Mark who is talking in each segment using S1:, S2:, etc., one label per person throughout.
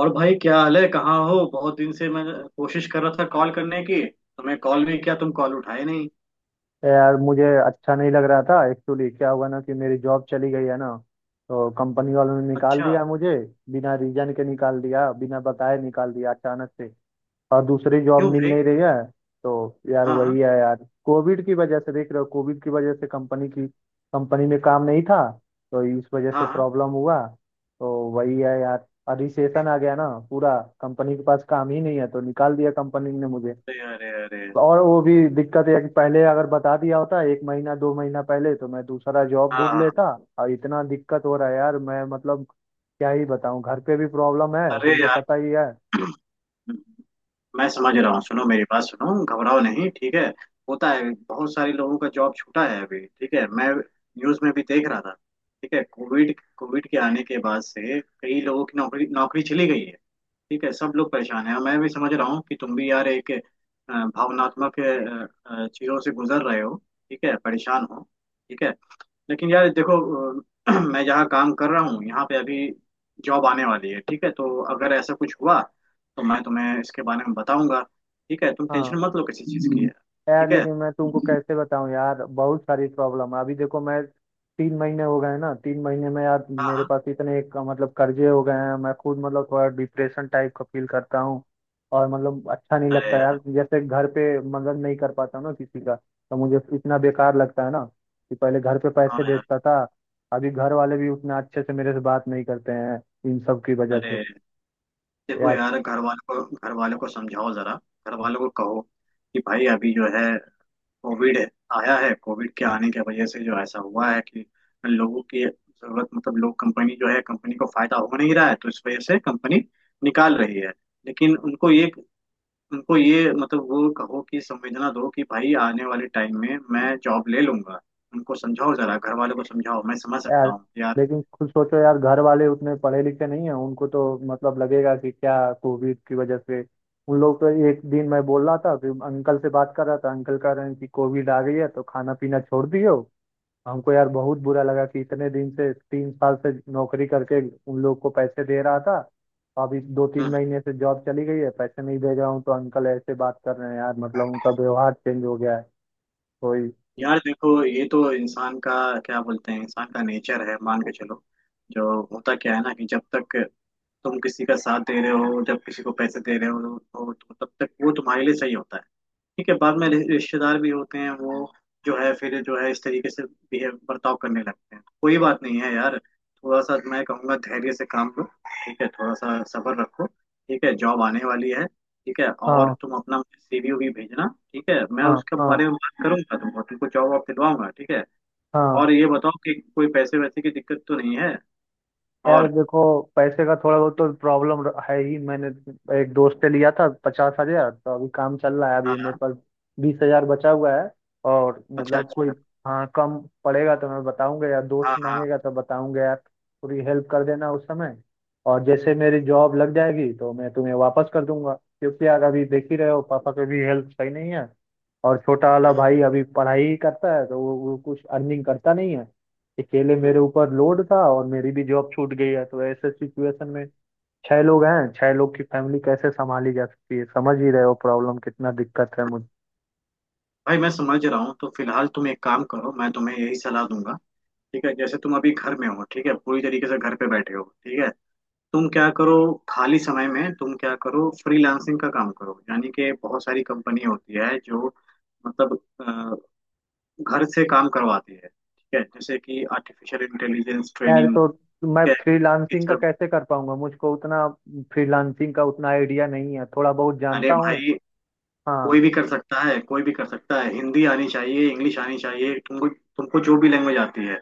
S1: और भाई क्या हाल है, कहाँ हो? बहुत दिन से मैं कोशिश कर रहा था कॉल करने की, तुम्हें कॉल नहीं किया, तुम कॉल उठाए नहीं।
S2: यार मुझे अच्छा नहीं लग रहा था एक्चुअली। क्या हुआ ना कि मेरी जॉब चली गई है ना, तो कंपनी वालों ने निकाल
S1: अच्छा।
S2: दिया मुझे। बिना रीजन के निकाल दिया, बिना बताए निकाल दिया, अचानक से। और दूसरी जॉब
S1: क्यों
S2: मिल
S1: भाई?
S2: नहीं रही है। तो यार
S1: हाँ
S2: वही
S1: हाँ।
S2: है यार, कोविड की वजह से, देख रहे हो कोविड की वजह से कंपनी की कंपनी में काम नहीं था, तो इस वजह
S1: हाँ
S2: से
S1: हाँ।
S2: प्रॉब्लम हुआ। तो वही है यार, और रिसेशन आ गया ना, पूरा कंपनी के पास काम ही नहीं है तो निकाल दिया कंपनी ने मुझे।
S1: अरे अरे अरे।
S2: और वो भी दिक्कत है कि पहले अगर बता दिया होता 1 महीना 2 महीना पहले, तो मैं दूसरा जॉब
S1: हाँ
S2: ढूंढ
S1: हाँ।
S2: लेता। और इतना दिक्कत हो रहा है यार, मैं मतलब क्या ही बताऊं, घर पे भी प्रॉब्लम है,
S1: अरे
S2: तुमको
S1: यार,
S2: पता ही है।
S1: मैं समझ
S2: तो
S1: रहा हूँ। सुनो मेरी बात सुनो, घबराओ नहीं, ठीक है। होता है, बहुत सारे लोगों का जॉब छूटा है अभी, ठीक है, मैं न्यूज़ में भी देख रहा था। ठीक है, कोविड कोविड के आने के बाद से कई लोगों की नौकरी नौकरी चली गई है। ठीक है, सब लोग परेशान हैं, मैं भी समझ रहा हूँ कि तुम भी यार एक भावनात्मक चीज़ों से गुजर रहे हो। ठीक है, परेशान हो, ठीक है। लेकिन यार देखो, अ, मैं जहाँ काम कर रहा हूँ यहाँ पे अभी जॉब आने वाली है। ठीक है, तो अगर ऐसा कुछ हुआ तो मैं तुम्हें इसके बारे में बताऊंगा। ठीक है, तुम
S2: हाँ।
S1: टेंशन मत लो किसी चीज़ की। हम्म।
S2: यार
S1: ठीक है।
S2: लेकिन मैं तुमको कैसे बताऊं यार, बहुत सारी प्रॉब्लम है अभी, देखो मैं 3 महीने हो गए हैं ना, 3 महीने में यार
S1: हाँ
S2: मेरे
S1: हाँ।
S2: पास इतने मतलब कर्जे हो गए हैं। मैं खुद मतलब थोड़ा डिप्रेशन टाइप का फील करता हूँ, और मतलब अच्छा नहीं
S1: अरे
S2: लगता यार।
S1: यार।
S2: जैसे घर पे मदद नहीं कर पाता हूं ना किसी का, तो मुझे इतना बेकार लगता है ना, कि पहले घर पे
S1: हाँ
S2: पैसे
S1: यार।
S2: भेजता था, अभी घर वाले भी उतना अच्छे से मेरे से बात नहीं करते हैं, इन सब की वजह से।
S1: अरे, देखो
S2: यार।
S1: यार, घर वालों को समझाओ जरा, घर वालों को कहो कि भाई अभी जो है कोविड आया है, कोविड के आने की वजह से जो ऐसा हुआ है कि लोगों की जरूरत, मतलब लोग, कंपनी जो है कंपनी को फायदा हो नहीं रहा है, तो इस वजह से कंपनी निकाल रही है। लेकिन उनको ये मतलब वो कहो कि संवेदना दो कि भाई आने वाले टाइम में मैं जॉब ले लूंगा। उनको समझाओ जरा, घर वालों को समझाओ, मैं समझ सकता
S2: यार
S1: हूँ यार।
S2: लेकिन खुद सोचो यार, घर वाले उतने पढ़े लिखे नहीं है, उनको तो मतलब लगेगा कि क्या कोविड की वजह से। उन लोग तो एक दिन मैं बोल रहा था कि अंकल से बात कर रहा था, अंकल कह रहे हैं कि कोविड आ गई है तो खाना पीना छोड़ दियो। हमको यार बहुत बुरा लगा कि इतने दिन से, 3 साल से नौकरी करके उन लोग को पैसे दे रहा था, अभी 2-3 महीने से जॉब चली गई है, पैसे नहीं दे रहा हूँ, तो अंकल ऐसे बात कर रहे हैं यार, मतलब उनका व्यवहार चेंज हो गया है। कोई।
S1: यार देखो, ये तो इंसान का, क्या बोलते हैं, इंसान का नेचर है, मान के चलो। जो होता क्या है ना कि जब तक तुम किसी का साथ दे रहे हो, जब किसी को पैसे दे रहे हो, तो तब तक वो तुम्हारे लिए सही होता है। ठीक है, बाद में रिश्तेदार भी होते हैं, वो जो है फिर जो है इस तरीके से बिहेव, बर्ताव करने लगते हैं। कोई बात नहीं है यार, थोड़ा सा मैं कहूँगा धैर्य से काम लो। ठीक है, थोड़ा सा सब्र रखो। ठीक है, जॉब आने वाली है, ठीक है, और
S2: हाँ
S1: तुम अपना सीवी भी भेजना। ठीक है, मैं
S2: हाँ।
S1: उसके
S2: हाँ
S1: बारे में बात करूंगा, तुमको तुमको जॉब वॉब दिलवाऊंगा, ठीक है।
S2: हाँ।
S1: और ये बताओ कि कोई पैसे वैसे की दिक्कत तो नहीं है?
S2: यार
S1: और?
S2: देखो, पैसे का थोड़ा बहुत तो प्रॉब्लम है ही। मैंने एक दोस्त से लिया था 50,000, तो अभी काम चल रहा है। अभी मेरे
S1: हाँ।
S2: पास 20,000 बचा हुआ है, और
S1: अच्छा
S2: मतलब कोई।
S1: अच्छा।
S2: हाँ, कम पड़ेगा तो मैं बताऊंगा यार,
S1: हाँ
S2: दोस्त
S1: हाँ।
S2: मांगेगा तो बताऊंगा यार, पूरी हेल्प कर देना उस समय। और जैसे मेरी जॉब लग जाएगी तो मैं तुम्हें वापस कर दूंगा, क्योंकि यार अभी देख ही रहे हो, पापा की भी हेल्प सही नहीं है, और छोटा वाला
S1: हम्म।
S2: भाई अभी पढ़ाई ही करता है, तो वो कुछ अर्निंग करता नहीं है। अकेले
S1: हम्म।
S2: मेरे ऊपर लोड था, और मेरी भी जॉब छूट गई है, तो ऐसे सिचुएशन में 6 लोग हैं, 6 लोग की फैमिली कैसे संभाली जा सकती है, समझ ही रहे हो प्रॉब्लम कितना दिक्कत है मुझे।
S1: भाई मैं समझ रहा हूँ। तो फिलहाल तुम एक काम करो, मैं तुम्हें यही सलाह दूंगा। ठीक है, जैसे तुम अभी घर में हो, ठीक है, पूरी तरीके से घर पे बैठे हो, ठीक है, तुम क्या करो, खाली समय में तुम क्या करो, फ्रीलांसिंग का काम करो, यानी कि बहुत सारी कंपनी होती है जो मतलब घर से काम करवाती है। ठीक है, जैसे कि आर्टिफिशियल इंटेलिजेंस
S2: यार
S1: ट्रेनिंग,
S2: तो मैं
S1: ठीक है, ये
S2: फ्रीलांसिंग का
S1: सब।
S2: कैसे कर पाऊंगा, मुझको उतना फ्रीलांसिंग का उतना आइडिया नहीं है, थोड़ा बहुत
S1: अरे
S2: जानता हूँ।
S1: भाई, कोई
S2: हाँ।
S1: भी कर सकता है, कोई भी कर सकता है, हिंदी आनी चाहिए, इंग्लिश आनी चाहिए, तुमको तुमको जो भी लैंग्वेज आती है।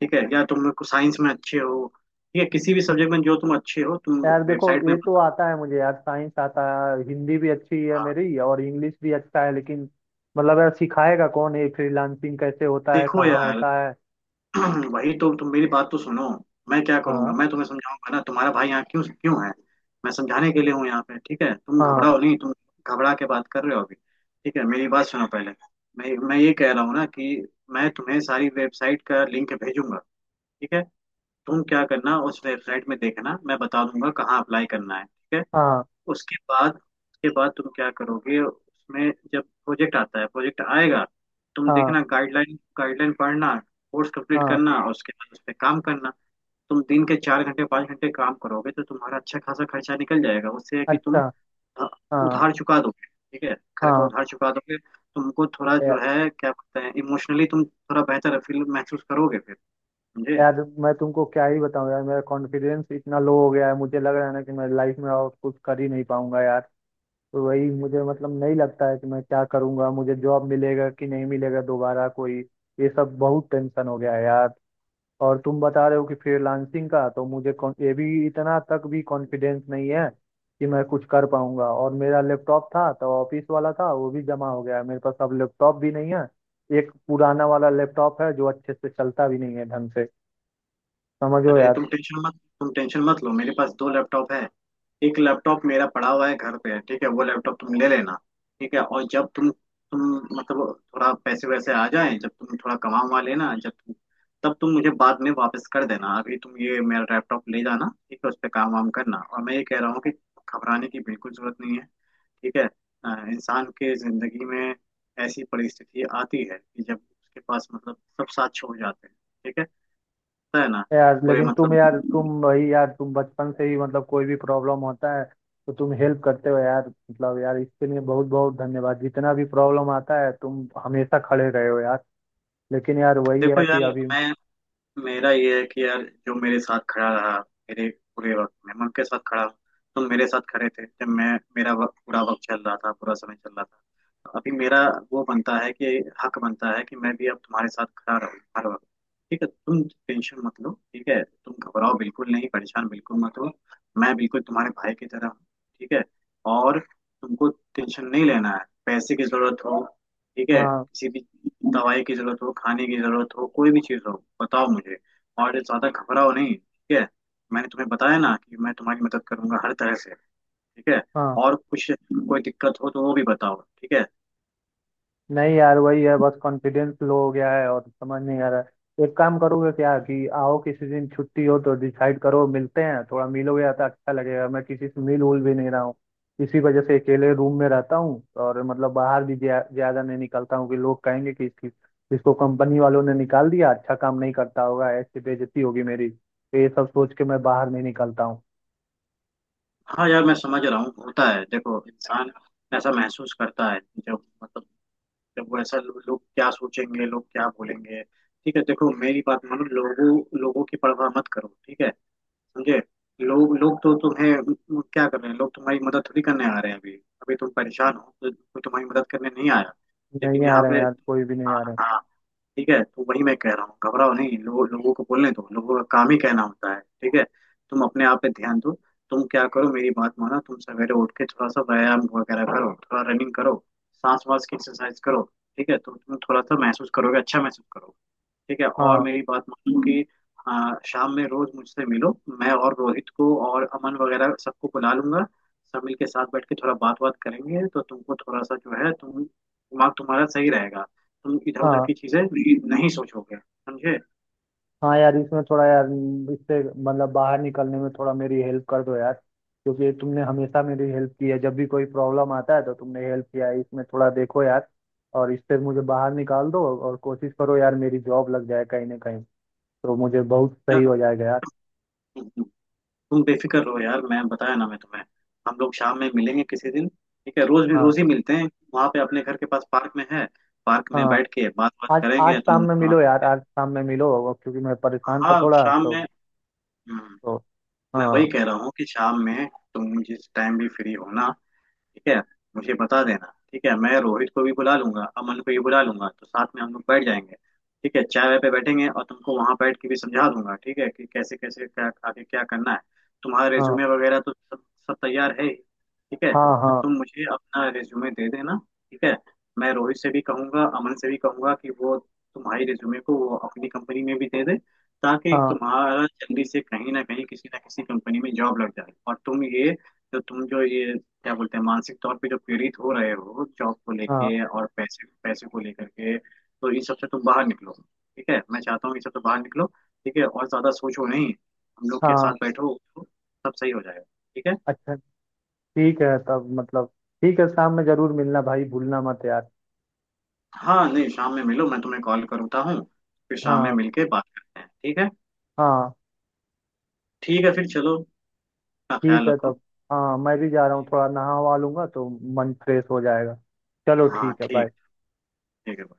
S1: ठीक है, या तुम साइंस में अच्छे हो, ठीक है, किसी भी सब्जेक्ट में जो तुम अच्छे हो, तुम
S2: यार देखो
S1: वेबसाइट में
S2: ये तो
S1: बता,
S2: आता है मुझे यार, साइंस आता है, हिंदी भी अच्छी है मेरी, और इंग्लिश भी अच्छा है, लेकिन मतलब यार सिखाएगा कौन, ये फ्रीलांसिंग कैसे होता है,
S1: देखो
S2: कहाँ
S1: यार,
S2: होता है।
S1: वही तो, तुम मेरी बात तो सुनो। मैं क्या करूंगा,
S2: हाँ।
S1: मैं तुम्हें समझाऊंगा ना, तुम्हारा भाई यहाँ क्यों क्यों है? मैं समझाने के लिए हूँ यहाँ पे, ठीक है, तुम
S2: हाँ।
S1: घबराओ नहीं, तुम घबरा के बात कर रहे हो अभी। ठीक है, मेरी बात सुनो पहले। मैं ये कह रहा हूँ ना कि मैं तुम्हें सारी वेबसाइट का लिंक भेजूंगा, ठीक है। तुम क्या करना, उस वेबसाइट में देखना, मैं बता दूंगा कहाँ अप्लाई करना है, ठीक है।
S2: हाँ।
S1: उसके बाद तुम क्या करोगे, उसमें जब प्रोजेक्ट आता है, प्रोजेक्ट आएगा, तुम
S2: हाँ।
S1: देखना, गाइडलाइन गाइडलाइन पढ़ना, कोर्स कंप्लीट
S2: हाँ।
S1: करना, और उसके बाद उस पर काम करना। तुम दिन के चार घंटे पाँच घंटे काम करोगे तो तुम्हारा अच्छा खासा खर्चा निकल जाएगा, उससे है कि
S2: अच्छा।
S1: तुम अ,
S2: हाँ।
S1: उधार चुका दोगे। ठीक है, घर का
S2: हाँ।
S1: उधार चुका दोगे, तुमको थोड़ा
S2: या-
S1: जो है क्या बोलते हैं, इमोशनली तुम थोड़ा बेहतर फील महसूस करोगे फिर, समझे।
S2: यार मैं तुमको क्या ही बताऊं यार, मेरा कॉन्फिडेंस इतना लो हो गया है, मुझे लग रहा है ना कि मैं लाइफ में और कुछ कर ही नहीं पाऊंगा यार। तो वही, मुझे मतलब नहीं लगता है कि मैं क्या करूंगा, मुझे जॉब मिलेगा कि नहीं मिलेगा दोबारा कोई, ये सब बहुत टेंशन हो गया है यार। और तुम बता रहे हो कि फ्रीलांसिंग का, तो मुझे ये भी इतना तक भी कॉन्फिडेंस नहीं है कि मैं कुछ कर पाऊंगा। और मेरा लैपटॉप था तो ऑफिस वाला था, वो भी जमा हो गया है। मेरे पास अब लैपटॉप भी नहीं है, एक पुराना वाला लैपटॉप है जो अच्छे से चलता भी नहीं है ढंग से, समझो
S1: अरे
S2: यार।
S1: तुम टेंशन मत, तुम टेंशन मत लो, मेरे पास दो लैपटॉप है। एक लैपटॉप मेरा पड़ा हुआ है घर पे, ठीक है, वो लैपटॉप तुम ले लेना। ठीक है, और जब तुम मतलब थोड़ा पैसे वैसे आ जाए, जब तुम थोड़ा कमा वमा लेना, जब तुम, तब तुम मुझे बाद में वापस कर देना। अभी तुम ये मेरा लैपटॉप ले जाना, ठीक है, उस पर काम वाम करना। और मैं ये कह रहा हूँ कि घबराने की बिल्कुल जरूरत नहीं है, ठीक है। इंसान के जिंदगी में ऐसी परिस्थिति आती है कि जब उसके पास, मतलब, सब साथ छोड़ जाते हैं, ठीक है, तो है ना।
S2: यार
S1: कोई
S2: लेकिन तुम यार,
S1: मतलब,
S2: तुम भाई यार, तुम बचपन से ही मतलब कोई भी प्रॉब्लम होता है तो तुम हेल्प करते हो यार, मतलब यार इसके लिए बहुत बहुत धन्यवाद, जितना भी प्रॉब्लम आता है तुम हमेशा खड़े रहे हो यार। लेकिन यार वही
S1: देखो
S2: है
S1: यार,
S2: कि अभी।
S1: मैं, मेरा ये है कि यार जो मेरे साथ खड़ा रहा मेरे बुरे वक्त में, मैं उनके साथ खड़ा हूँ। तुम मेरे साथ खड़े थे जब मैं, मेरा वक्त, बुरा वक्त चल रहा था, बुरा समय चल रहा था। अभी मेरा वो बनता है कि हक बनता है कि मैं भी अब तुम्हारे साथ खड़ा रहूँ हर वक्त। ठीक है, तुम टेंशन मत लो, ठीक है, तुम घबराओ बिल्कुल नहीं, परेशान बिल्कुल मत हो। मैं बिल्कुल तुम्हारे भाई की तरह हूँ, ठीक है। और तुमको टेंशन नहीं लेना है। पैसे की जरूरत हो, ठीक है,
S2: हाँ।
S1: किसी भी दवाई की जरूरत हो, खाने की जरूरत हो, कोई भी चीज़ हो, बताओ मुझे। और ज्यादा घबराओ नहीं, ठीक है। मैंने तुम्हें बताया ना कि मैं तुम्हारी मदद करूंगा हर तरह से, ठीक है।
S2: हाँ।
S1: और कुछ कोई दिक्कत हो तो वो भी बताओ, ठीक है।
S2: नहीं यार वही है, बस कॉन्फिडेंस लो हो गया है, और समझ नहीं आ रहा है। एक काम करोगे क्या, कि आओ किसी दिन छुट्टी हो तो डिसाइड करो, मिलते हैं थोड़ा, मिलोगे या तो अच्छा लगेगा, मैं किसी से मिल उल भी नहीं रहा हूँ इसी वजह से, अकेले रूम में रहता हूँ, और मतलब बाहर भी ज्यादा नहीं निकलता हूँ, कि लोग कहेंगे कि इसकी, इसको कंपनी वालों ने निकाल दिया, अच्छा काम नहीं करता होगा, ऐसी बेइज्जती होगी मेरी, तो ये सब सोच के मैं बाहर नहीं निकलता हूँ।
S1: हाँ यार, मैं समझ रहा हूँ, होता है। देखो, इंसान ऐसा महसूस करता है कि जब मतलब, जब वो ऐसा, लोग क्या सोचेंगे, लोग क्या बोलेंगे। ठीक है, देखो मेरी बात मानो, लोगों लोगों की परवाह मत करो, ठीक है, समझे। लोग लोग तो तुम्हें, वो क्या कर रहे हैं, लोग तुम्हारी मदद थोड़ी करने आ रहे हैं अभी। अभी तुम परेशान हो तो कोई तुम्हारी मदद करने नहीं आया,
S2: नहीं
S1: लेकिन
S2: आ
S1: यहाँ
S2: रहे हैं
S1: पे,
S2: यार, कोई भी नहीं
S1: हाँ
S2: आ रहे।
S1: हाँ, ठीक है, तो वही मैं कह रहा हूँ, घबराओ नहीं। लोगों लोगों को बोलने दो, लोगों का काम ही कहना होता है, ठीक है। तुम अपने आप पे ध्यान दो, तुम क्या करो, मेरी बात मानो, तुम सवेरे उठ के थोड़ा सा व्यायाम वगैरह करो, थोड़ा रनिंग करो, सांस वास की एक्सरसाइज करो। ठीक है, तो तुम थोड़ा सा महसूस करोगे, अच्छा महसूस करोगे, ठीक है। और
S2: हाँ।
S1: मेरी बात मानो कि, हाँ, शाम में रोज मुझसे मिलो, मैं और रोहित को और अमन वगैरह सबको बुला लूंगा। सब मिल के साथ बैठ के थोड़ा बात बात करेंगे, तो तुमको थोड़ा सा जो है, तुम दिमाग तुम्हारा सही रहेगा, तुम इधर उधर
S2: हाँ।
S1: की चीजें नहीं सोचोगे, समझे।
S2: हाँ यार इसमें थोड़ा यार इससे मतलब बाहर निकलने में थोड़ा मेरी हेल्प कर दो यार, क्योंकि तुमने हमेशा मेरी हेल्प की है, जब भी कोई प्रॉब्लम आता है तो तुमने हेल्प किया है, इसमें थोड़ा देखो यार, और इससे मुझे बाहर निकाल दो, और कोशिश करो यार मेरी जॉब लग जाए कहीं ना कहीं, तो मुझे बहुत सही
S1: यार,
S2: हो जाएगा यार।
S1: तुम बेफिक्र रहो यार, मैं बताया ना मैं तुम्हें। हम लोग शाम में मिलेंगे किसी दिन, ठीक है, रोज भी,
S2: हाँ।
S1: रोज ही मिलते हैं वहां पे, अपने घर के पास पार्क में है, पार्क में
S2: हाँ।
S1: बैठ के बात बात
S2: आज आज
S1: करेंगे
S2: शाम
S1: तुम,
S2: में
S1: हाँ।
S2: मिलो यार, आज शाम में मिलो, और क्योंकि मैं परेशान था
S1: हाँ,
S2: थोड़ा
S1: शाम
S2: तो।
S1: में। हम्म,
S2: तो
S1: मैं
S2: हाँ।
S1: वही कह रहा हूँ कि शाम में तुम जिस टाइम भी फ्री हो ना, ठीक है, मुझे बता देना, ठीक है, मैं रोहित को भी बुला लूंगा, अमन को भी बुला लूंगा, तो साथ में हम लोग बैठ जाएंगे। ठीक है, चाय वाय पे बैठेंगे और तुमको वहां बैठ के भी समझा दूंगा, ठीक है, कि कैसे कैसे क्या आगे क्या करना है। तुम्हारा
S2: हाँ।
S1: रिज्यूमे वगैरह तो सब सब तैयार है ही, ठीक है,
S2: हाँ।
S1: तो
S2: हाँ।
S1: तुम मुझे अपना रिज्यूमे दे देना, ठीक है। मैं रोहित से भी कहूंगा, अमन से भी कहूंगा कि वो तुम्हारी रिज्यूमे को वो अपनी कंपनी में भी दे दे, ताकि
S2: हाँ।
S1: तुम्हारा जल्दी से कहीं ना कहीं किसी ना किसी कंपनी में जॉब लग जाए। और तुम ये जो, तुम जो ये क्या बोलते हैं, मानसिक तौर पे जो पीड़ित हो रहे हो जॉब को
S2: हाँ।
S1: लेके और पैसे पैसे को लेकर के, तो इन सब से तुम बाहर निकलो, ठीक है, मैं चाहता हूँ इन सब से बाहर निकलो, ठीक है, और ज्यादा सोचो नहीं, हम लोग के साथ
S2: हाँ।
S1: बैठो तो सब सही हो जाएगा, ठीक है।
S2: अच्छा। ठीक है, तब मतलब ठीक है, शाम में जरूर मिलना भाई, भूलना मत यार।
S1: हाँ नहीं, शाम में मिलो, मैं तुम्हें कॉल करता हूँ, फिर शाम में
S2: हाँ।
S1: मिलके बात करते हैं, ठीक है।
S2: हाँ।
S1: ठीक है, फिर चलो, अपना
S2: ठीक
S1: ख्याल
S2: है
S1: रखो।
S2: तब। हाँ मैं भी जा रहा हूँ, थोड़ा नहा वहा लूंगा तो मन फ्रेश हो जाएगा। चलो
S1: हाँ
S2: ठीक है,
S1: ठीक,
S2: बाय।
S1: ठीक है।